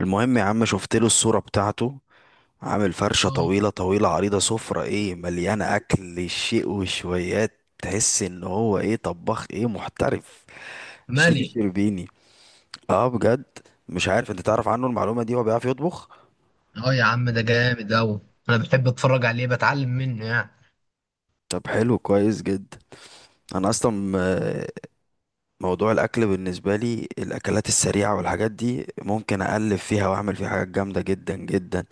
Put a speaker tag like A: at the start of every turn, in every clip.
A: المهم يا عم، شفت له الصورة بتاعته. عامل فرشة
B: اه.
A: طويلة طويلة عريضة، سفرة ايه مليانة اكل شيء وشويات، تحس ان هو ايه طباخ ايه محترف، شيف
B: مالي.
A: شربيني. اه بجد. مش عارف، انت تعرف عنه المعلومة دي؟ هو بيعرف يطبخ.
B: اه يا عم، ده جامد اوي. انا بحب اتفرج عليه بتعلم منه، يعني
A: طب حلو، كويس جدا. انا اصلا، موضوع الاكل بالنسبه لي الاكلات السريعه والحاجات دي ممكن اقلب فيها واعمل فيها حاجات جامده جدا جدا،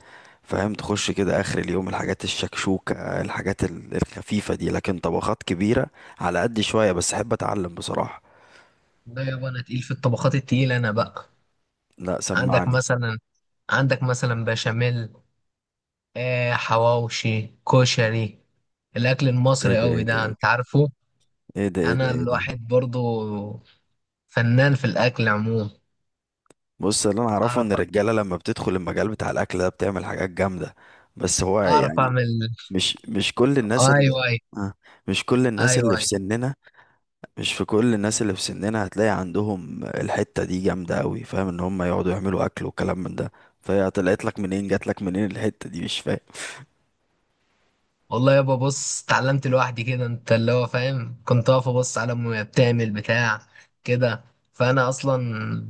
A: فاهم؟ تخش كده اخر اليوم الحاجات الشكشوكه، الحاجات الخفيفه دي. لكن طبخات كبيره على قد شويه، بس احب اتعلم بصراحه.
B: لا يابا، انا تقيل في الطبخات التقيلة انا بقى.
A: لا،
B: عندك
A: سمعني.
B: مثلا عندك مثلا بشاميل، حواوشي، كشري. الاكل
A: ايه
B: المصري
A: ده
B: اوي
A: ايه ده
B: ده انت
A: ايه
B: عارفه.
A: ده ايه ده
B: انا
A: ايه ده.
B: الواحد برضو فنان في الاكل عموما.
A: بص، اللي انا اعرفه
B: اعرف
A: ان الرجاله لما بتدخل المجال بتاع الاكل ده بتعمل حاجات جامده. بس هو
B: اعرف
A: يعني،
B: اعمل.
A: مش كل الناس اللي،
B: ايوه، ايوه،
A: آه، مش كل الناس
B: ايوه.
A: اللي في سننا، مش في كل الناس اللي في سننا هتلاقي عندهم الحتة دي جامدة قوي، فاهم؟ ان هم يقعدوا يعملوا اكل وكلام من ده. فهي طلعت لك منين، جات لك منين الحتة دي؟ مش فاهم.
B: والله يابا بص، اتعلمت لوحدي كده، انت اللي هو فاهم، كنت واقف ابص على امي وهي بتعمل بتاع كده. فانا اصلا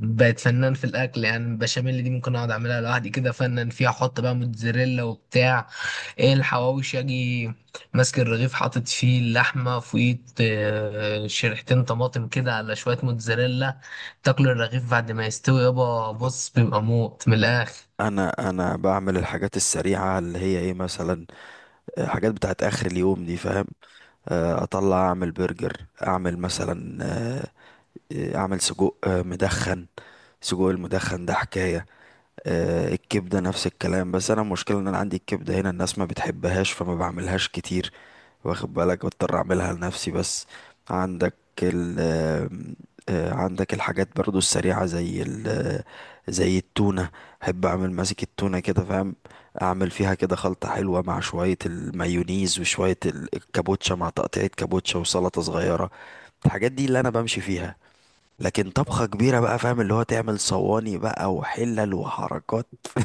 B: بقيت فنان في الاكل، يعني البشاميل دي ممكن اقعد اعملها لوحدي كده، فنان فيها، احط بقى موتزاريلا وبتاع. ايه الحواوشي، اجي ماسك الرغيف حاطط فيه اللحمه فوقيه، شريحتين طماطم كده على شويه موتزاريلا. تاكل الرغيف بعد ما يستوي يابا، بص بيبقى موت من الاخر.
A: انا بعمل الحاجات السريعة اللي هي ايه مثلا، حاجات بتاعت اخر اليوم دي، فاهم؟ اطلع اعمل برجر، اعمل مثلا اعمل سجق مدخن. سجق المدخن ده حكاية. الكبدة نفس الكلام، بس انا المشكلة ان انا عندي الكبدة هنا الناس ما بتحبهاش، فما بعملهاش كتير، واخد بالك؟ بضطر اعملها لنفسي بس. عندك ال آه، عندك الحاجات برضو السريعة زي ال آه، زي التونة. احب اعمل ماسك التونة كده، فاهم؟ اعمل فيها كده خلطة حلوة مع شوية المايونيز وشوية الكابوتشا، مع تقطيعة كابوتشا وسلطة صغيرة. الحاجات دي اللي انا بمشي فيها. لكن
B: طب.
A: طبخة كبيرة بقى، فاهم؟ اللي هو تعمل صواني بقى وحلل وحركات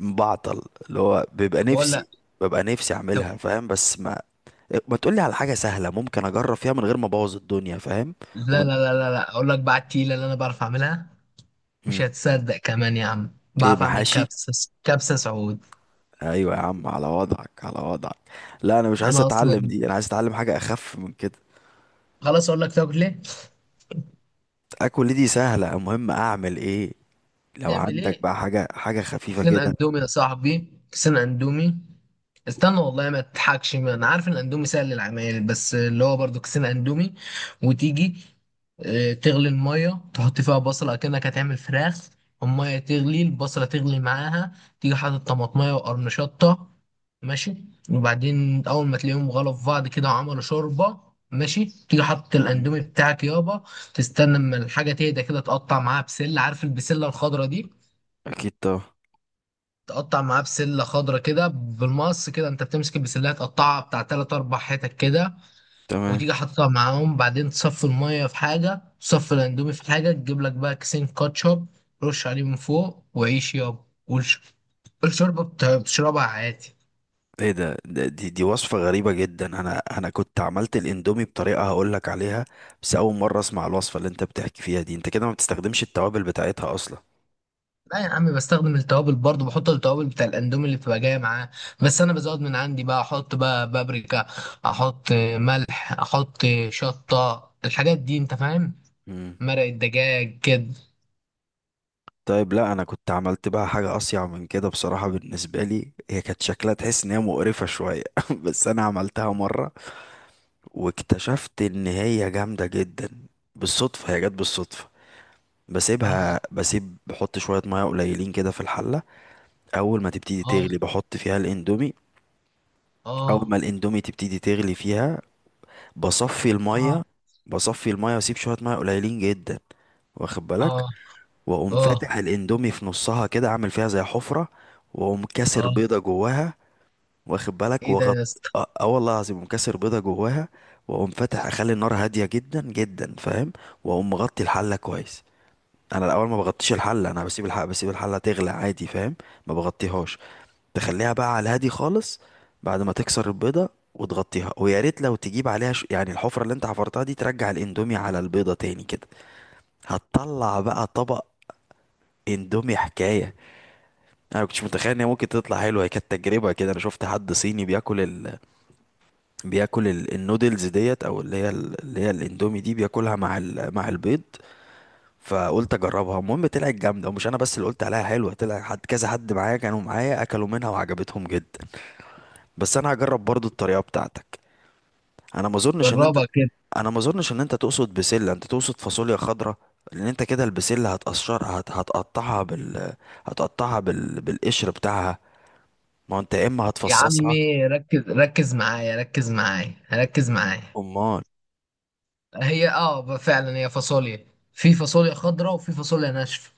A: بعطل. اللي هو بيبقى
B: اقول
A: نفسي،
B: لك.
A: ببقى نفسي
B: طب،
A: اعملها، فاهم؟ بس ما تقولي على حاجة سهلة ممكن أجرب فيها من غير ما أبوظ الدنيا، فاهم؟
B: لا،
A: ومن.
B: لا، لا، لا، لا، اقول لك بقى التقيله اللي انا بعرف اعملها. مش
A: مم.
B: هتصدق كمان يا عم،
A: إيه،
B: بعرف اعمل
A: محاشي؟
B: كبسة سعود.
A: أيوة يا عم، على وضعك على وضعك. لا، أنا مش عايز
B: انا
A: أتعلم
B: اصلا
A: دي، أنا عايز أتعلم حاجة أخف من كده.
B: خلاص اقول لك تاكل ايه.
A: أكل دي سهلة. المهم، أعمل إيه؟ لو
B: تعمل
A: عندك
B: ايه؟
A: بقى حاجة، حاجة خفيفة
B: كيسين
A: كده.
B: اندومي يا صاحبي، كيسين اندومي. استنى والله، ما تضحكش، ما انا عارف ان الاندومي سهل للعمايل، بس اللي هو برضو كيسين اندومي. وتيجي تغلي الميه تحط فيها بصله كأنك هتعمل فراخ. الميه تغلي، البصله تغلي معاها. تيجي حاطط طماطميه وقرن شطه. ماشي. وبعدين اول ما تلاقيهم غلوا في بعض كده وعملوا شوربه، ماشي، تيجي حاطط
A: مم.
B: الاندومي بتاعك يابا. تستنى اما الحاجه تهدى كده، تقطع معاها بسله، عارف البسله الخضراء دي.
A: أكيد طبعا.
B: تقطع معاه بسله خضرة كده بالمقص، كده انت بتمسك البسله تقطعها بتاع تلات اربع حتت كده.
A: تمام.
B: وتيجي حاططها معاهم، بعدين تصفي الميه في حاجه، تصفي الاندومي في حاجه، تجيب لك بقى كيسين كاتشب. رش عليه من فوق، وعيش يابا، والشوربه بتشربها عادي.
A: إيه ده، دي وصفة غريبة جدا. أنا كنت عملت الإندومي بطريقة هقولك عليها. بس أول مرة أسمع الوصفة اللي أنت بتحكي فيها دي. أنت كده ما بتستخدمش التوابل بتاعتها أصلا؟
B: لا يا عم، بستخدم التوابل برضه، بحط التوابل بتاع الاندومي اللي بتبقى جايه معاه. بس انا بزود من عندي، بقى احط بقى بابريكا، احط ملح، احط شطه، الحاجات دي انت فاهم.
A: مم.
B: مرق الدجاج كده.
A: طيب لا، انا كنت عملت بقى حاجه اصيع من كده بصراحه، بالنسبه لي هي كانت شكلها تحس ان هي مقرفه شويه. بس انا عملتها مره، واكتشفت ان هي جامده جدا. بالصدفه، هي جت بالصدفه. بسيبها
B: آه.
A: بسيب بحط شويه ميه قليلين كده في الحله. اول ما تبتدي تغلي
B: اه.
A: بحط فيها الاندومي. اول ما
B: اه.
A: الاندومي تبتدي تغلي فيها، بصفي
B: اه.
A: الميه. بصفي الميه واسيب شويه ميه قليلين جدا، واخد بالك؟
B: اه.
A: واقوم
B: اه.
A: فاتح الاندومي في نصها كده، عامل فيها زي حفرة. واقوم كاسر
B: اه.
A: بيضة جواها، واخد بالك؟
B: ايه ده
A: وغط.
B: يا اسطى؟
A: اه، آه والله العظيم، اقوم كاسر بيضة جواها، واقوم فاتح، اخلي النار هادية جدا جدا، فاهم؟ واقوم مغطي الحلة كويس. انا الاول ما بغطيش الحلة، انا بسيب الحلة تغلى عادي، فاهم؟ ما بغطيهاش، تخليها بقى على الهادي خالص. بعد ما تكسر البيضة وتغطيها، ويا ريت لو تجيب عليها، يعني الحفرة اللي انت حفرتها دي، ترجع الاندومي على البيضة تاني كده. هتطلع بقى طبق اندومي حكاية. انا كنتش متخيل ان هي ممكن تطلع حلوه، هي كانت تجربه كده. انا شفت حد صيني بياكل النودلز ديت، او اللي هي اللي هي الاندومي دي، بياكلها مع مع البيض. فقلت اجربها. المهم طلعت جامده، ومش انا بس اللي قلت عليها حلوه، طلع حد، كذا حد معايا، كانوا معايا اكلوا منها وعجبتهم جدا. بس انا هجرب برضو الطريقه بتاعتك. انا ما اظنش ان انت
B: جربها كده.
A: انا ما اظنش ان انت تقصد بسله، انت تقصد فاصوليا خضراء. لان انت كده البسله هتقشرها، هتقطعها هتقطعها بالقشر بتاعها. ما هو انت يا اما
B: يا
A: هتفصصها.
B: عمي ركز، ركز معايا، ركز معايا، ركز معايا.
A: امال.
B: هي فعلا هي فاصوليا. في فاصوليا خضراء، وفي فاصوليا ناشفه.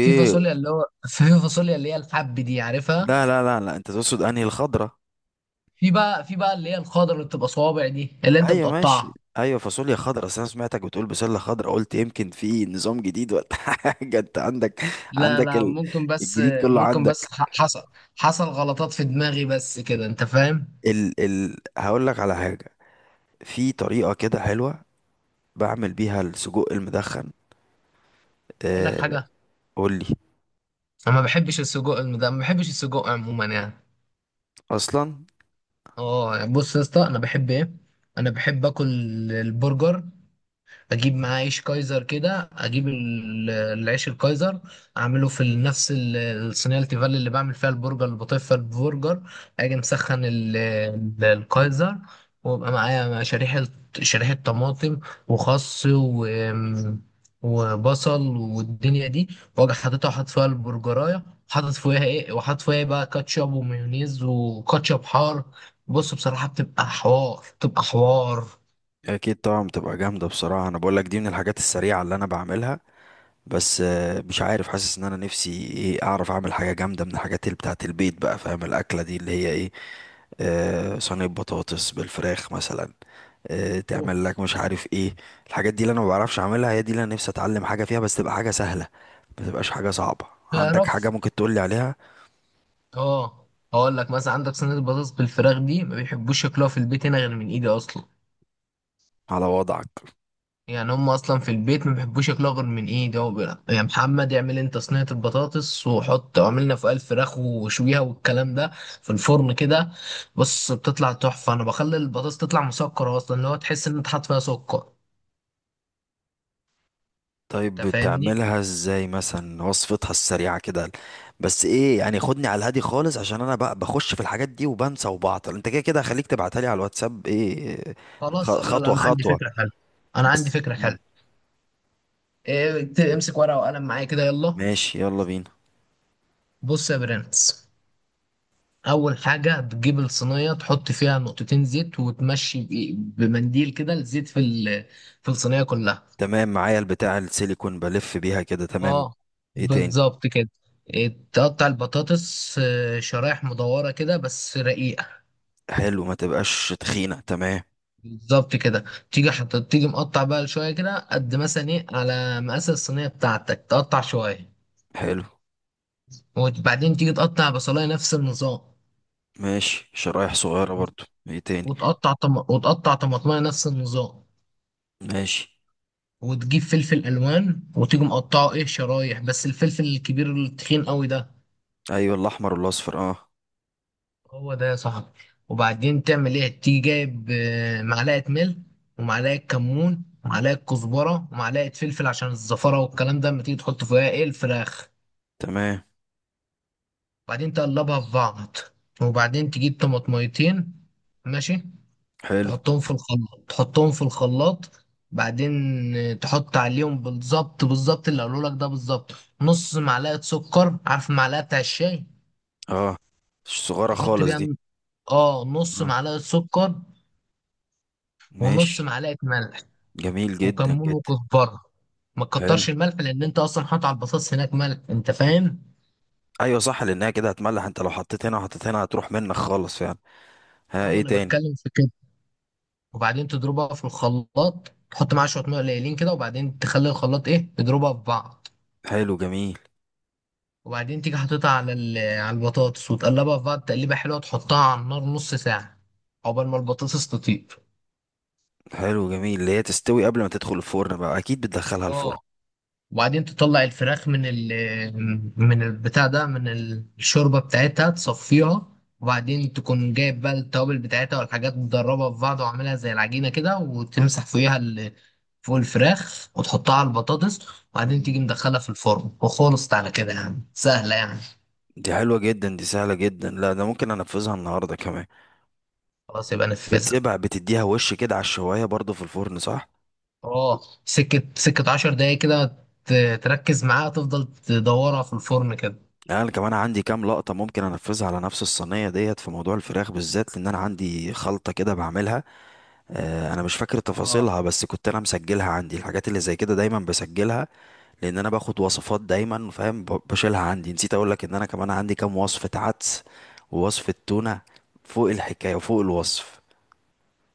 B: في فاصوليا اللي هو في فاصوليا اللي هي الحب دي عارفها.
A: لا لا لا لا، انت تقصد انهي الخضره.
B: في بقى اللي هي الخضراء اللي بتبقى صوابع دي اللي انت
A: ايوه، ماشي.
B: بتقطعها.
A: ايوه فاصوليا خضرا، اصل انا سمعتك بتقول بسله خضرا، قلت يمكن في نظام جديد ولا حاجه. انت عندك،
B: لا،
A: عندك
B: لا، ممكن بس.
A: الجديد كله
B: ممكن بس،
A: عندك.
B: حصل غلطات في دماغي بس كده انت فاهم.
A: هقول لك على حاجه. في طريقه كده حلوه بعمل بيها السجق المدخن.
B: اقول لك
A: آه...
B: حاجه،
A: قول لي.
B: انا ما بحبش السجق ده، ما بحبش السجق عموما، يعني.
A: اصلا.
B: بص يا اسطى، انا بحب ايه، انا بحب اكل البرجر، اجيب معاه عيش كايزر كده، اجيب العيش الكايزر. اعمله في نفس الصينيه التيفال اللي بعمل فيها البرجر، اللي بطيب فيها البرجر. اجي مسخن الكايزر. ويبقى معايا شريحه طماطم وخس وبصل والدنيا دي. واجي حاططها وحاطط فيها البرجرايه، وحاطط فيها إيه بقى كاتشب ومايونيز وكاتشب حار. بص بصراحه بتبقى حوار، بتبقى حوار.
A: اكيد طبعا بتبقى جامده بصراحه، انا بقول لك دي من الحاجات السريعه اللي انا بعملها. بس مش عارف، حاسس ان انا نفسي ايه اعرف اعمل حاجه جامده من الحاجات اللي بتاعت البيت بقى، فاهم؟ الاكله دي اللي هي ايه، صينيه بطاطس بالفراخ مثلا،
B: اوف.
A: تعمل لك مش عارف ايه. الحاجات دي اللي انا ما بعرفش اعملها، هي دي اللي انا نفسي اتعلم حاجه فيها، بس تبقى حاجه سهله، ما تبقاش حاجه صعبه. عندك حاجه
B: تعرف.
A: ممكن تقولي عليها؟
B: اه هقول لك مثلا، عندك صينيه البطاطس بالفراخ دي، ما بيحبوش ياكلوها في البيت هنا غير من ايدي اصلا.
A: على وضعك.
B: يعني هم اصلا في البيت ما بيحبوش ياكلوها غير من ايدي، هو بيقول لك، يا محمد اعمل انت صينيه البطاطس، وحط اعملنا فوقها الفراخ وشويها والكلام ده في الفرن كده. بص بتطلع تحفه، انا بخلي البطاطس تطلع مسكره اصلا، اللي هو تحس ان انت حاطط فيها سكر.
A: طيب
B: انت فاهمني؟
A: بتعملها ازاي مثلا؟ وصفتها السريعة كده، بس ايه يعني؟ خدني على الهادي خالص، عشان انا بقى بخش في الحاجات دي وبنسى وبعطل. انت كده كده خليك تبعتها لي على الواتساب ايه.
B: خلاص. لا، لا،
A: خطوة
B: انا عندي
A: خطوة.
B: فكره حلوه. انا عندي
A: بس
B: فكره
A: مم.
B: حلوه. امسك ورقه وقلم معايا كده يلا.
A: ماشي، يلا بينا.
B: بص يا برنس، اول حاجه بتجيب الصينيه، تحط فيها نقطتين زيت وتمشي بمنديل كده الزيت في في الصينيه كلها.
A: تمام معايا، البتاع السيليكون بلف بيها كده، تمام.
B: اه،
A: ايه تاني؟
B: بالظبط كده. تقطع البطاطس شرايح مدوره كده بس رقيقه.
A: حلو، ما تبقاش تخينة، تمام.
B: بالظبط كده. تيجي مقطع بقى شويه كده قد مثلا ايه على مقاس الصينيه بتاعتك، تقطع شويه.
A: حلو
B: وبعدين تيجي تقطع بصلايه نفس النظام.
A: ماشي، شرايح صغيرة برضو. ايه تاني؟
B: وتقطع طماطمايه نفس النظام.
A: ماشي.
B: وتجيب فلفل الوان، وتيجي مقطعه ايه شرايح، بس الفلفل الكبير التخين قوي ده.
A: ايوه، الاحمر والاصفر، اه.
B: هو ده يا صاحبي. وبعدين تعمل ايه؟ تيجي جايب معلقه ملح، ومعلقه كمون، ومعلقه كزبره، ومعلقه فلفل عشان الزفره والكلام ده لما تيجي تحط فيها ايه الفراخ.
A: تمام.
B: وبعدين تقلبها في بعض. وبعدين تجيب طماطميتين. ماشي.
A: حلو.
B: تحطهم في الخلاط. بعدين تحط عليهم بالظبط، بالظبط اللي قالوا لك ده بالظبط. نص معلقة سكر، عارف المعلقة بتاع الشاي،
A: اه، صغيرة
B: تحط
A: خالص
B: بيها
A: دي.
B: نص
A: اه.
B: معلقة سكر. ونص
A: ماشي.
B: معلقة ملح
A: جميل جدا
B: وكمون
A: جدا.
B: وكزبرة. ما
A: حلو.
B: تكترش الملح لان انت اصلا حاطط على البطاطس هناك ملح، انت فاهم.
A: ايوه صح، لانها كده هتملح، انت لو حطيت هنا وحطيت هنا هتروح منك خالص، فعلا. ها،
B: اه، ما
A: ايه
B: انا
A: تاني؟
B: بتكلم في كده. وبعدين تضربها في الخلاط، تحط معاها شوية ميه قليلين كده، وبعدين تخلي الخلاط ايه يضربها في بعض.
A: حلو، جميل.
B: وبعدين تيجي حاططها على على البطاطس، وتقلبها في بعض تقليبه حلوه، تحطها على النار نص ساعه عقبال ما البطاطس تطيب.
A: حلو جميل، اللي هي تستوي قبل ما تدخل الفرن بقى، اكيد بتدخلها الفرن.
B: اه. وبعدين تطلع الفراخ من من البتاع ده، من الشوربه بتاعتها، تصفيها. وبعدين تكون جايب بقى التوابل بتاعتها والحاجات، تدربها في بعض وعاملها زي العجينه كده، وتمسح فوقيها فوق الفراخ وتحطها على البطاطس. وبعدين تيجي
A: مم.
B: مدخلها في الفرن وخلصت على كده، يعني سهله يعني.
A: دي حلوة جدا، دي سهلة جدا، لا ده ممكن انفذها النهاردة كمان.
B: خلاص يبقى نفذها.
A: بتسيبها، بتديها وش كده على الشواية برضو في الفرن، صح؟
B: اه، سكة سكة 10 دقايق كده تركز معاها، تفضل تدورها في الفرن كده.
A: يعني انا كمان عندي كام لقطة ممكن انفذها على نفس الصينية ديت في موضوع الفراخ بالذات، لان انا عندي خلطة كده بعملها. انا مش فاكر تفاصيلها،
B: اه.
A: بس كنت انا مسجلها عندي، الحاجات اللي زي كده دايما بسجلها، لان انا باخد وصفات دايما، فاهم؟ بشيلها عندي. نسيت اقول لك ان انا كمان عندي كام وصفة عدس ووصفة تونة، فوق الحكاية وفوق الوصف.